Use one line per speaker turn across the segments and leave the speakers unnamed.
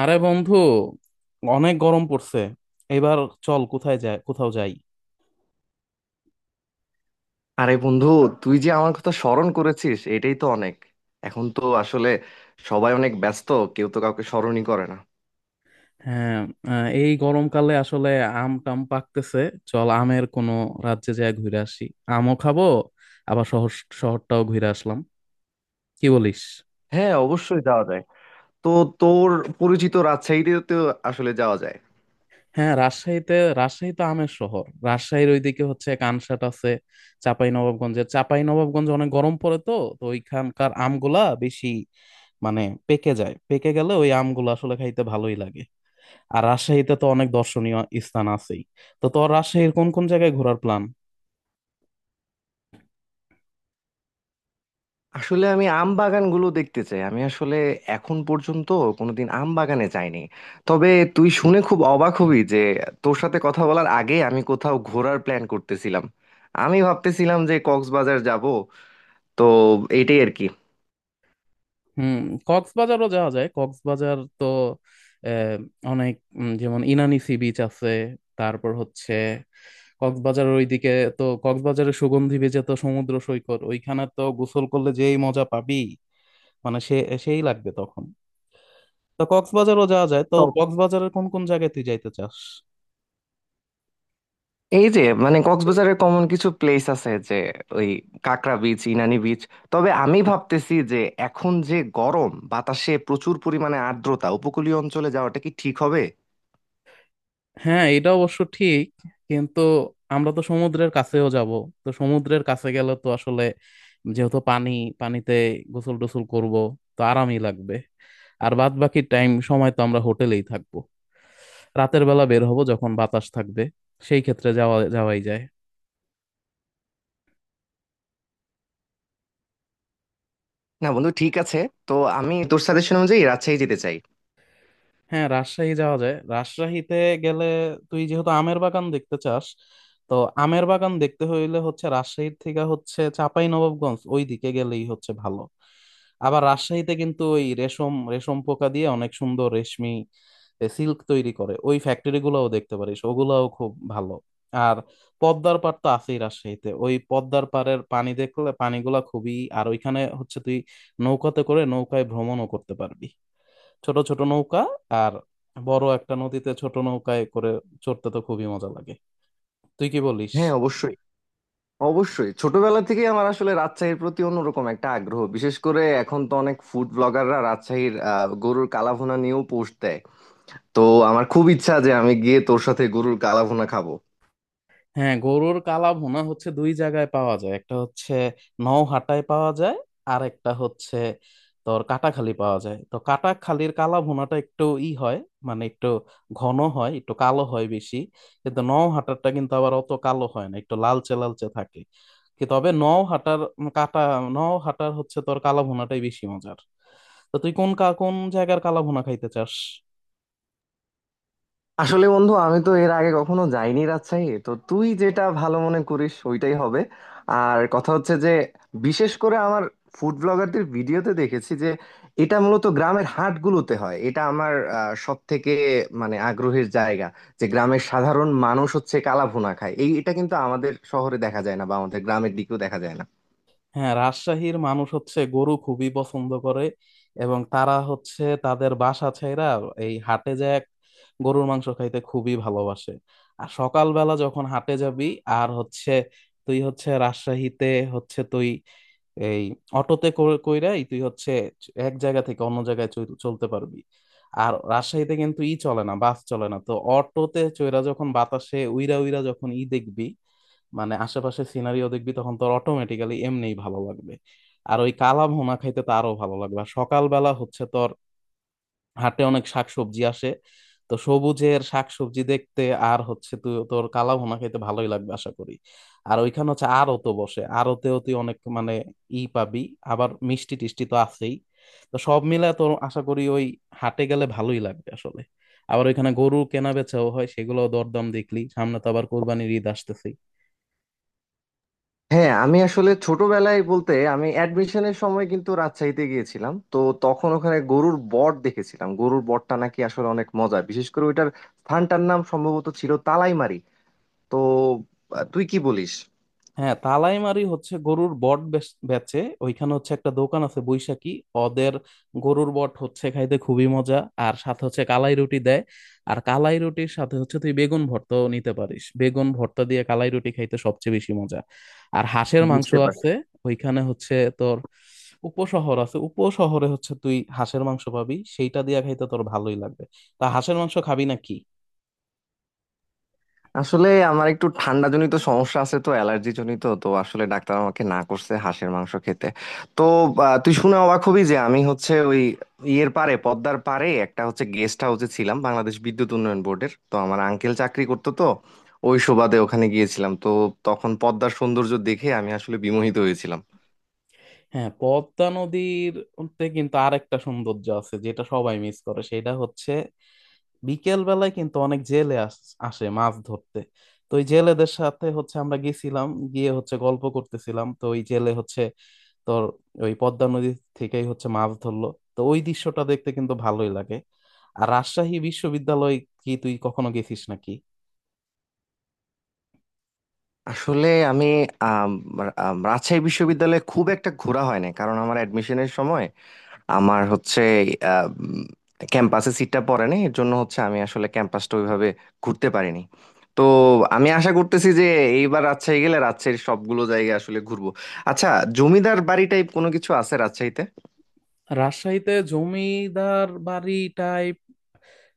আরে বন্ধু, অনেক গরম পড়ছে এবার। চল, কোথায় যায়, কোথাও যাই।
আরে বন্ধু, তুই যে আমার কথা স্মরণ করেছিস এটাই তো অনেক। এখন তো আসলে সবাই অনেক ব্যস্ত, কেউ তো কাউকে স্মরণই করে না।
হ্যাঁ। এই গরমকালে আসলে আম টাম পাকতেছে। চল, আমের কোনো রাজ্যে যায় ঘুরে আসি। আমও খাবো, আবার শহরটাও ঘুরে আসলাম। কি বলিস?
হ্যাঁ, অবশ্যই যাওয়া যায়। তো তোর পরিচিত রাজশাহীতে তো আসলে যাওয়া যায়।
হ্যাঁ, রাজশাহীতে। রাজশাহী তো আমের শহর। রাজশাহীর ওইদিকে হচ্ছে কানসাট আছে। চাঁপাই নবাবগঞ্জে অনেক গরম পড়ে তো। তো ওইখানকার আমগুলা বেশি, মানে, পেকে যায়। পেকে গেলে ওই আমগুলো আসলে খাইতে ভালোই লাগে। আর রাজশাহীতে তো অনেক দর্শনীয় স্থান আছেই। তো তোর রাজশাহীর কোন কোন জায়গায় ঘোরার প্ল্যান?
আসলে আমি আম বাগানগুলো দেখতে চাই। আমি আসলে এখন পর্যন্ত কোনোদিন আম বাগানে যাইনি। তবে তুই শুনে খুব অবাক হবি যে, তোর সাথে কথা বলার আগে আমি কোথাও ঘোরার প্ল্যান করতেছিলাম। আমি ভাবতেছিলাম যে কক্সবাজার যাব। তো এটাই আর কি।
হুম। কক্সবাজারও যাওয়া যায়। কক্সবাজার তো আহ, অনেক, যেমন ইনানি সি বিচ আছে। তারপর হচ্ছে কক্সবাজারের ওইদিকে। তো কক্সবাজারের সুগন্ধি বেজে তো সমুদ্র সৈকত, ওইখানে তো গোসল করলে যেই মজা পাবি, মানে, সেই লাগবে তখন। তো কক্সবাজারও যাওয়া যায়। তো কক্সবাজারের কোন কোন জায়গায় তুই যাইতে চাস?
এই যে মানে কক্সবাজারের কমন কিছু প্লেস আছে যে, ওই কাকরা বিচ, ইনানি বিচ। তবে আমি ভাবতেছি যে এখন যে গরম, বাতাসে প্রচুর পরিমাণে আর্দ্রতা, উপকূলীয় অঞ্চলে যাওয়াটা কি ঠিক হবে?
হ্যাঁ, এটা অবশ্য ঠিক, কিন্তু আমরা তো সমুদ্রের কাছেও যাব। তো সমুদ্রের কাছে গেলে তো আসলে, যেহেতু পানি, পানিতে গোসল টোসল করব, তো আরামই লাগবে। আর বাদ বাকি টাইম সময় তো আমরা হোটেলেই থাকবো। রাতের বেলা বের হব যখন বাতাস থাকবে। সেই ক্ষেত্রে যাওয়াই যায়।
না বন্ধু, ঠিক আছে। তো আমি তোর সাজেশন অনুযায়ী রাজশাহী যেতে চাই।
হ্যাঁ, রাজশাহী যাওয়া যায়। রাজশাহীতে গেলে, তুই যেহেতু আমের বাগান দেখতে চাস, তো আমের বাগান দেখতে হইলে হচ্ছে রাজশাহীর থেকে হচ্ছে চাঁপাই নবাবগঞ্জ ওই দিকে গেলেই হচ্ছে ভালো। আবার রাজশাহীতে কিন্তু ওই রেশম রেশম পোকা দিয়ে অনেক সুন্দর রেশমি সিল্ক তৈরি করে। ওই ফ্যাক্টরি গুলাও দেখতে পারিস, ওগুলাও খুব ভালো। আর পদ্মার পাড় তো আছেই রাজশাহীতে। ওই পদ্মার পাড়ের পানি দেখলে পানিগুলা খুবই, আর ওইখানে হচ্ছে তুই নৌকাতে করে নৌকায় ভ্রমণও করতে পারবি। ছোট ছোট নৌকা। আর বড় একটা নদীতে ছোট নৌকায় করে চড়তে তো খুবই মজা লাগে। তুই কি বলিস?
হ্যাঁ অবশ্যই, অবশ্যই। ছোটবেলা থেকে আমার আসলে রাজশাহীর প্রতি অন্যরকম একটা আগ্রহ। বিশেষ করে এখন তো অনেক ফুড ব্লগাররা রাজশাহীর গরুর কালাভুনা নিয়েও পোস্ট দেয়। তো আমার খুব ইচ্ছা যে আমি গিয়ে তোর সাথে গরুর কালাভুনা খাবো।
হ্যাঁ, গরুর কালা ভুনা হচ্ছে দুই জায়গায় পাওয়া যায়। একটা হচ্ছে নওহাটায় পাওয়া যায়। আর একটা হচ্ছে তোর কাটাখালি পাওয়া যায়। তো কাটাখালির কালা ভুনাটা একটু ই হয়, মানে একটু ঘন হয়, একটু কালো হয় বেশি। কিন্তু নওহাটারটা কিন্তু আবার অত কালো হয় না, একটু লালচে লালচে থাকে। কি, তবে নওহাটার উম কাটা, নওহাটার হচ্ছে তোর কালা ভুনাটাই বেশি মজার। তো তুই কোন কোন জায়গার কালা ভুনা খাইতে চাস?
আসলে বন্ধু, আমি তো এর আগে কখনো যাইনি রাজশাহী, তো তুই যেটা ভালো মনে করিস ওইটাই হবে। আর কথা হচ্ছে যে, বিশেষ করে আমার ফুড ব্লগারদের ভিডিওতে দেখেছি যে এটা মূলত গ্রামের হাটগুলোতে হয়। এটা আমার সব থেকে মানে আগ্রহের জায়গা, যে গ্রামের সাধারণ মানুষ হচ্ছে কালাভুনা খায়। এই এটা কিন্তু আমাদের শহরে দেখা যায় না বা আমাদের গ্রামের দিকেও দেখা যায় না।
হ্যাঁ, রাজশাহীর মানুষ হচ্ছে গরু খুবই পছন্দ করে। এবং তারা হচ্ছে তাদের বাসা ছেইরা এই হাটে যায়। গরুর মাংস খাইতে খুবই ভালোবাসে। আর সকালবেলা যখন হাটে যাবি, আর হচ্ছে তুই হচ্ছে রাজশাহীতে হচ্ছে তুই এই অটোতে কইরাই তুই হচ্ছে এক জায়গা থেকে অন্য জায়গায় চলতে পারবি। আর রাজশাহীতে কিন্তু ই চলে না, বাস চলে না। তো অটোতে চইরা যখন বাতাসে উইরা উইরা যখন ই দেখবি, মানে আশেপাশে সিনারিও দেখবি, তখন তোর অটোমেটিক্যালি এমনিই ভালো লাগবে। আর ওই কালা ভুনা খাইতে তো আরো ভালো লাগবে। আর সকালবেলা হচ্ছে তোর হাটে অনেক শাকসবজি আসে। তো সবুজের শাকসবজি দেখতে, আর হচ্ছে তুই তোর কালা ভুনা খাইতে ভালোই লাগবে আশা করি। আর ওইখানে হচ্ছে আড়ত বসে। আড়তেও তুই অনেক, মানে, ই পাবি। আবার মিষ্টি টিষ্টি তো আছেই। তো সব মিলে তোর আশা করি ওই হাটে গেলে ভালোই লাগবে আসলে। আবার ওইখানে গরু কেনা বেচাও হয়, সেগুলো দরদাম দেখলি। সামনে তো আবার কোরবানির ঈদ আসতেছে।
হ্যাঁ, আমি আসলে ছোটবেলায় বলতে আমি অ্যাডমিশনের সময় কিন্তু রাজশাহীতে গিয়েছিলাম। তো তখন ওখানে গরুর বট দেখেছিলাম। গরুর বটটা নাকি আসলে অনেক মজা। বিশেষ করে ওইটার স্থানটার নাম সম্ভবত ছিল তালাইমারি। তো তুই কি বলিস?
হ্যাঁ, তালাইমারি হচ্ছে গরুর বট বেচে। ওইখানে হচ্ছে একটা দোকান আছে, বৈশাখী। ওদের গরুর বট হচ্ছে খাইতে খুবই মজা। আর সাথে হচ্ছে কালাই রুটি দেয়। আর কালাই রুটির সাথে হচ্ছে তুই বেগুন ভর্তাও নিতে পারিস। বেগুন ভর্তা দিয়ে কালাই রুটি খাইতে সবচেয়ে বেশি মজা। আর হাঁসের মাংস
বুঝতে পারছি।
আছে। ওইখানে হচ্ছে তোর উপশহর আছে। উপশহরে হচ্ছে তুই হাঁসের মাংস পাবি। সেইটা দিয়ে খাইতে তোর ভালোই লাগবে। তা হাঁসের মাংস খাবি নাকি?
আসলে আমার একটু ঠান্ডা জনিত সমস্যা আছে, তো অ্যালার্জি জনিত, তো আসলে ডাক্তার আমাকে না করছে হাঁসের মাংস খেতে। তো তুই শুনে অবাক হবি যে আমি হচ্ছে ওই ইয়ের পারে, পদ্মার পারে একটা হচ্ছে গেস্ট হাউসে ছিলাম, বাংলাদেশ বিদ্যুৎ উন্নয়ন বোর্ডের। তো আমার আঙ্কেল চাকরি করতো, তো ওই সুবাদে ওখানে গিয়েছিলাম। তো তখন পদ্মার সৌন্দর্য দেখে আমি আসলে বিমোহিত হয়েছিলাম।
হ্যাঁ, পদ্মা নদীর তে কিন্তু আরেকটা সৌন্দর্য আছে যেটা সবাই মিস করে। সেটা হচ্ছে বিকেল বেলায় কিন্তু অনেক জেলে আসে মাছ ধরতে। তো ওই জেলেদের সাথে হচ্ছে আমরা গেছিলাম। গিয়ে হচ্ছে গল্প করতেছিলাম। তো ওই জেলে হচ্ছে তোর ওই পদ্মা নদী থেকেই হচ্ছে মাছ ধরলো। তো ওই দৃশ্যটা দেখতে কিন্তু ভালোই লাগে। আর রাজশাহী বিশ্ববিদ্যালয়, কি তুই কখনো গেছিস নাকি?
আসলে আমি আম, আম, রাজশাহী বিশ্ববিদ্যালয়ে খুব একটা ঘোরা হয় না, কারণ আমার অ্যাডমিশনের সময় আমার হচ্ছে ক্যাম্পাসে সিটটা পড়ে নাই। এর জন্য হচ্ছে আমি আসলে ক্যাম্পাসটা ওইভাবে ঘুরতে পারিনি। তো আমি আশা করতেছি যে এইবার রাজশাহী গেলে রাজশাহীর সবগুলো জায়গা আসলে ঘুরবো। আচ্ছা, জমিদার বাড়ি টাইপ কোনো কিছু আছে রাজশাহীতে?
রাজশাহীতে জমিদার বাড়ি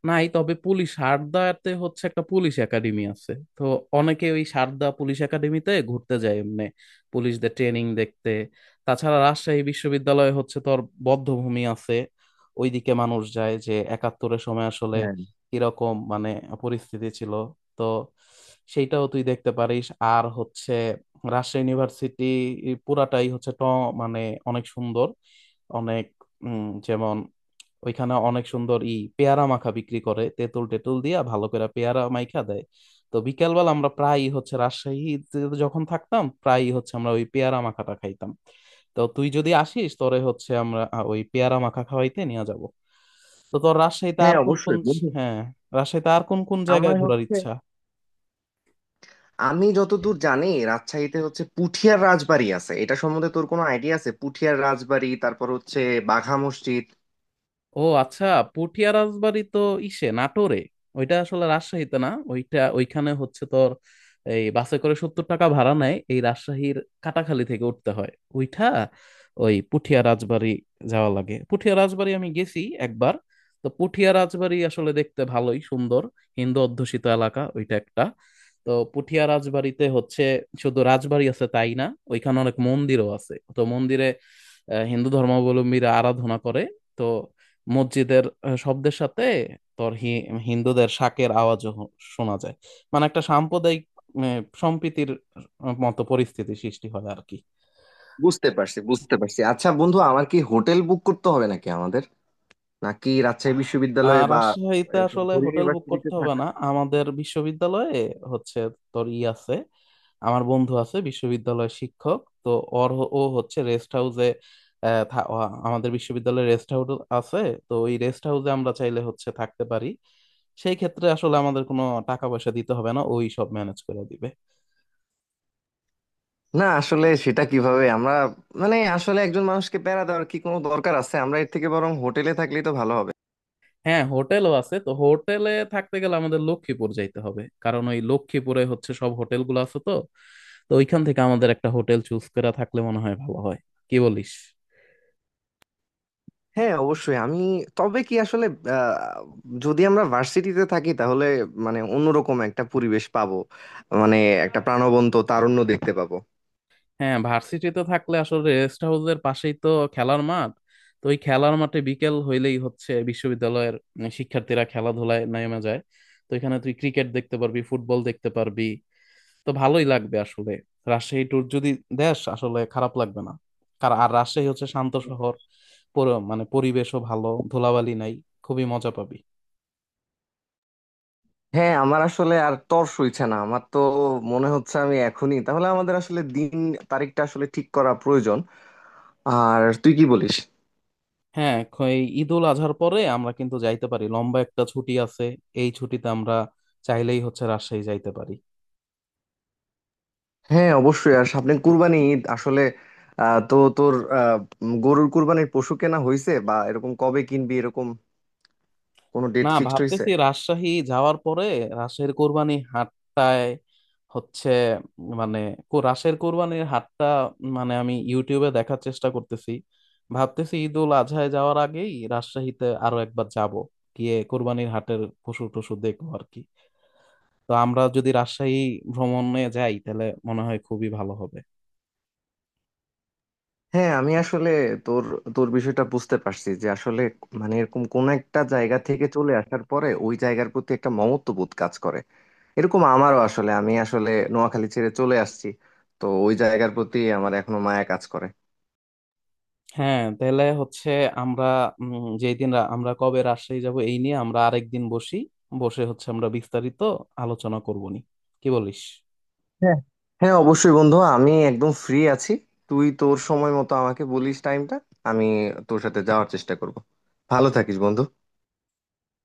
নাই, তবে পুলিশ সারদাতে হচ্ছে একটা পুলিশ একাডেমি আছে। তো অনেকে ওই সারদা পুলিশ একাডেমিতে ঘুরতে যায় এমনি পুলিশদের ট্রেনিং দেখতে। তাছাড়া রাজশাহী বিশ্ববিদ্যালয়ে হচ্ছে তোর বধ্যভূমি আছে। ওইদিকে মানুষ যায় যে একাত্তরের সময় আসলে
হ্যাঁ,
কিরকম, মানে, পরিস্থিতি ছিল, তো সেইটাও তুই দেখতে পারিস। আর হচ্ছে রাজশাহী ইউনিভার্সিটি পুরাটাই হচ্ছে ট, মানে, অনেক সুন্দর, অনেক, যেমন ওইখানে অনেক সুন্দর ই পেয়ারা মাখা বিক্রি করে। তেঁতুল টেতুল দিয়া ভালো করে পেয়ারা মাইখা দেয়। তো বিকেলবেলা আমরা প্রায়ই হচ্ছে রাজশাহীতে যখন থাকতাম প্রায়ই হচ্ছে আমরা ওই পেয়ারা মাখাটা খাইতাম। তো তুই যদি আসিস তোরে হচ্ছে আমরা ওই পেয়ারা মাখা খাওয়াইতে নিয়ে যাব। তো তোর রাজশাহীতে
হ্যাঁ
আর কোন কোন,
অবশ্যই বন্ধু।
হ্যাঁ, রাজশাহীতে আর কোন কোন
আমার
জায়গায় ঘোরার
হচ্ছে,
ইচ্ছা?
আমি যতদূর জানি রাজশাহীতে হচ্ছে পুঠিয়ার রাজবাড়ি আছে। এটা সম্বন্ধে তোর কোনো আইডিয়া আছে? পুঠিয়ার রাজবাড়ি, তারপর হচ্ছে বাঘা মসজিদ।
ও আচ্ছা, পটিয়া রাজবাড়ি তো ইসে নাটোরে। ওইটা আসলে রাজশাহীতে না। ওইটা ওইখানে হচ্ছে তোর এই বাসে করে 70 টাকা ভাড়া নেয়। এই রাজশাহীর কাটাখালী থেকে উঠতে হয় ওইটা, ওই পুঠিয়া রাজবাড়ি যাওয়া লাগে। পুঠিয়া রাজবাড়ি আমি গেছি একবার। তো পুঠিয়া রাজবাড়ি আসলে দেখতে ভালোই সুন্দর। হিন্দু অধ্যুষিত এলাকা ওইটা একটা। তো পুঠিয়া রাজবাড়িতে হচ্ছে শুধু রাজবাড়ি আছে তাই না, ওইখানে অনেক মন্দিরও আছে। তো মন্দিরে হিন্দু ধর্মাবলম্বীরা আরাধনা করে। তো মসজিদের শব্দের সাথে তোর হিন্দুদের শাঁখের আওয়াজও শোনা যায়। মানে, একটা সাম্প্রদায়িক সম্প্রীতির মতো পরিস্থিতি সৃষ্টি হয় আর কি।
বুঝতে পারছি, বুঝতে পারছি। আচ্ছা বন্ধু, আমার কি হোটেল বুক করতে হবে নাকি আমাদের? নাকি রাজশাহী
আর
বিশ্ববিদ্যালয়ে বা
রাজশাহীতে
এরকম
আসলে
ফোর
হোটেল বুক
ইউনিভার্সিটিতে
করতে হবে
থাকা?
না। আমাদের বিশ্ববিদ্যালয়ে হচ্ছে তোর ই আছে। আমার বন্ধু আছে বিশ্ববিদ্যালয়ের শিক্ষক, তো ওর ও হচ্ছে রেস্ট হাউসে, আমাদের বিশ্ববিদ্যালয়ে রেস্ট হাউস আছে। তো ওই রেস্ট হাউসে আমরা চাইলে হচ্ছে থাকতে পারি। সেই ক্ষেত্রে আসলে আমাদের কোনো টাকা পয়সা দিতে হবে না, ওই সব ম্যানেজ করে দিবে।
না আসলে সেটা কিভাবে আমরা মানে আসলে একজন মানুষকে প্যারা দেওয়ার কি কোনো দরকার আছে? আমরা এর থেকে বরং হোটেলে থাকলেই তো ভালো হবে।
হ্যাঁ, হোটেলও আছে। তো হোটেলে থাকতে গেলে আমাদের লক্ষ্মীপুর যাইতে হবে, কারণ ওই লক্ষ্মীপুরে হচ্ছে সব হোটেলগুলো আছে। তো তো ওইখান থেকে আমাদের একটা হোটেল চুজ করা থাকলে মনে হয় ভালো হয়। কি বলিস?
হ্যাঁ অবশ্যই। আমি তবে কি আসলে, আহ, যদি আমরা ভার্সিটিতে থাকি তাহলে মানে অন্যরকম একটা পরিবেশ পাবো। মানে একটা প্রাণবন্ত তারুণ্য দেখতে পাবো।
হ্যাঁ, ভার্সিটিতে থাকলে আসলে রেস্ট হাউসের পাশেই তো খেলার মাঠ। তো ওই খেলার মাঠে বিকেল হইলেই হচ্ছে বিশ্ববিদ্যালয়ের শিক্ষার্থীরা খেলাধুলায় নেমে যায়। তো এখানে তুই ক্রিকেট দেখতে পারবি, ফুটবল দেখতে পারবি। তো ভালোই লাগবে আসলে রাজশাহী ট্যুর যদি দেশ আসলে খারাপ লাগবে না। কারণ আর রাজশাহী হচ্ছে শান্ত শহর। মানে পরিবেশও ভালো, ধুলাবালি নাই। খুবই মজা পাবি।
হ্যাঁ আমার আসলে আর তর সইছে না। আমার তো মনে হচ্ছে আমি এখনই তাহলে আমাদের আসলে দিন তারিখটা আসলে ঠিক করা প্রয়োজন। আর তুই কি বলিস?
হ্যাঁ, এই ঈদুল আজহার পরে আমরা কিন্তু যাইতে পারি, লম্বা একটা ছুটি আছে। এই ছুটিতে আমরা চাইলেই হচ্ছে রাজশাহী যাইতে পারি।
হ্যাঁ অবশ্যই। আর সামনে কুরবানি ঈদ আসলে, তো তোর আহ, গরুর কুরবানির পশু কেনা হয়েছে, বা এরকম কবে কিনবি, এরকম কোনো ডেট
না,
ফিক্সড হয়েছে?
ভাবতেছি রাজশাহী যাওয়ার পরে রাজশাহীর কোরবানি হাটটায় হচ্ছে, মানে, রাজশাহীর কোরবানির হাটটা, মানে, আমি ইউটিউবে দেখার চেষ্টা করতেছি। ভাবতেছি ঈদ উল আজহায় যাওয়ার আগেই রাজশাহীতে আরো একবার যাব। গিয়ে কোরবানির হাটের পশু টশু দেখবো আর কি। তো আমরা যদি রাজশাহী ভ্রমণে যাই তাহলে মনে হয় খুবই ভালো হবে।
হ্যাঁ আমি আসলে তোর, তোর বিষয়টা বুঝতে পারছি যে আসলে মানে এরকম কোন একটা জায়গা থেকে চলে আসার পরে ওই জায়গার প্রতি একটা মমত্ববোধ কাজ করে। এরকম আমারও আসলে, আমি আসলে নোয়াখালী ছেড়ে চলে আসছি, তো ওই জায়গার প্রতি আমার এখনো মায়া কাজ করে।
হ্যাঁ, তাহলে হচ্ছে আমরা যেই দিন আমরা কবে রাজশাহী যাব এই নিয়ে আমরা আরেকদিন বসি। বসে হচ্ছে আমরা বিস্তারিত আলোচনা করবো নি। কি বলিস?
হ্যাঁ, হ্যাঁ অবশ্যই বন্ধু, আমি একদম ফ্রি আছি। তুই তোর সময় মতো আমাকে বলিস টাইমটা। আমি তোর সাথে যাওয়ার চেষ্টা করব। ভালো থাকিস বন্ধু।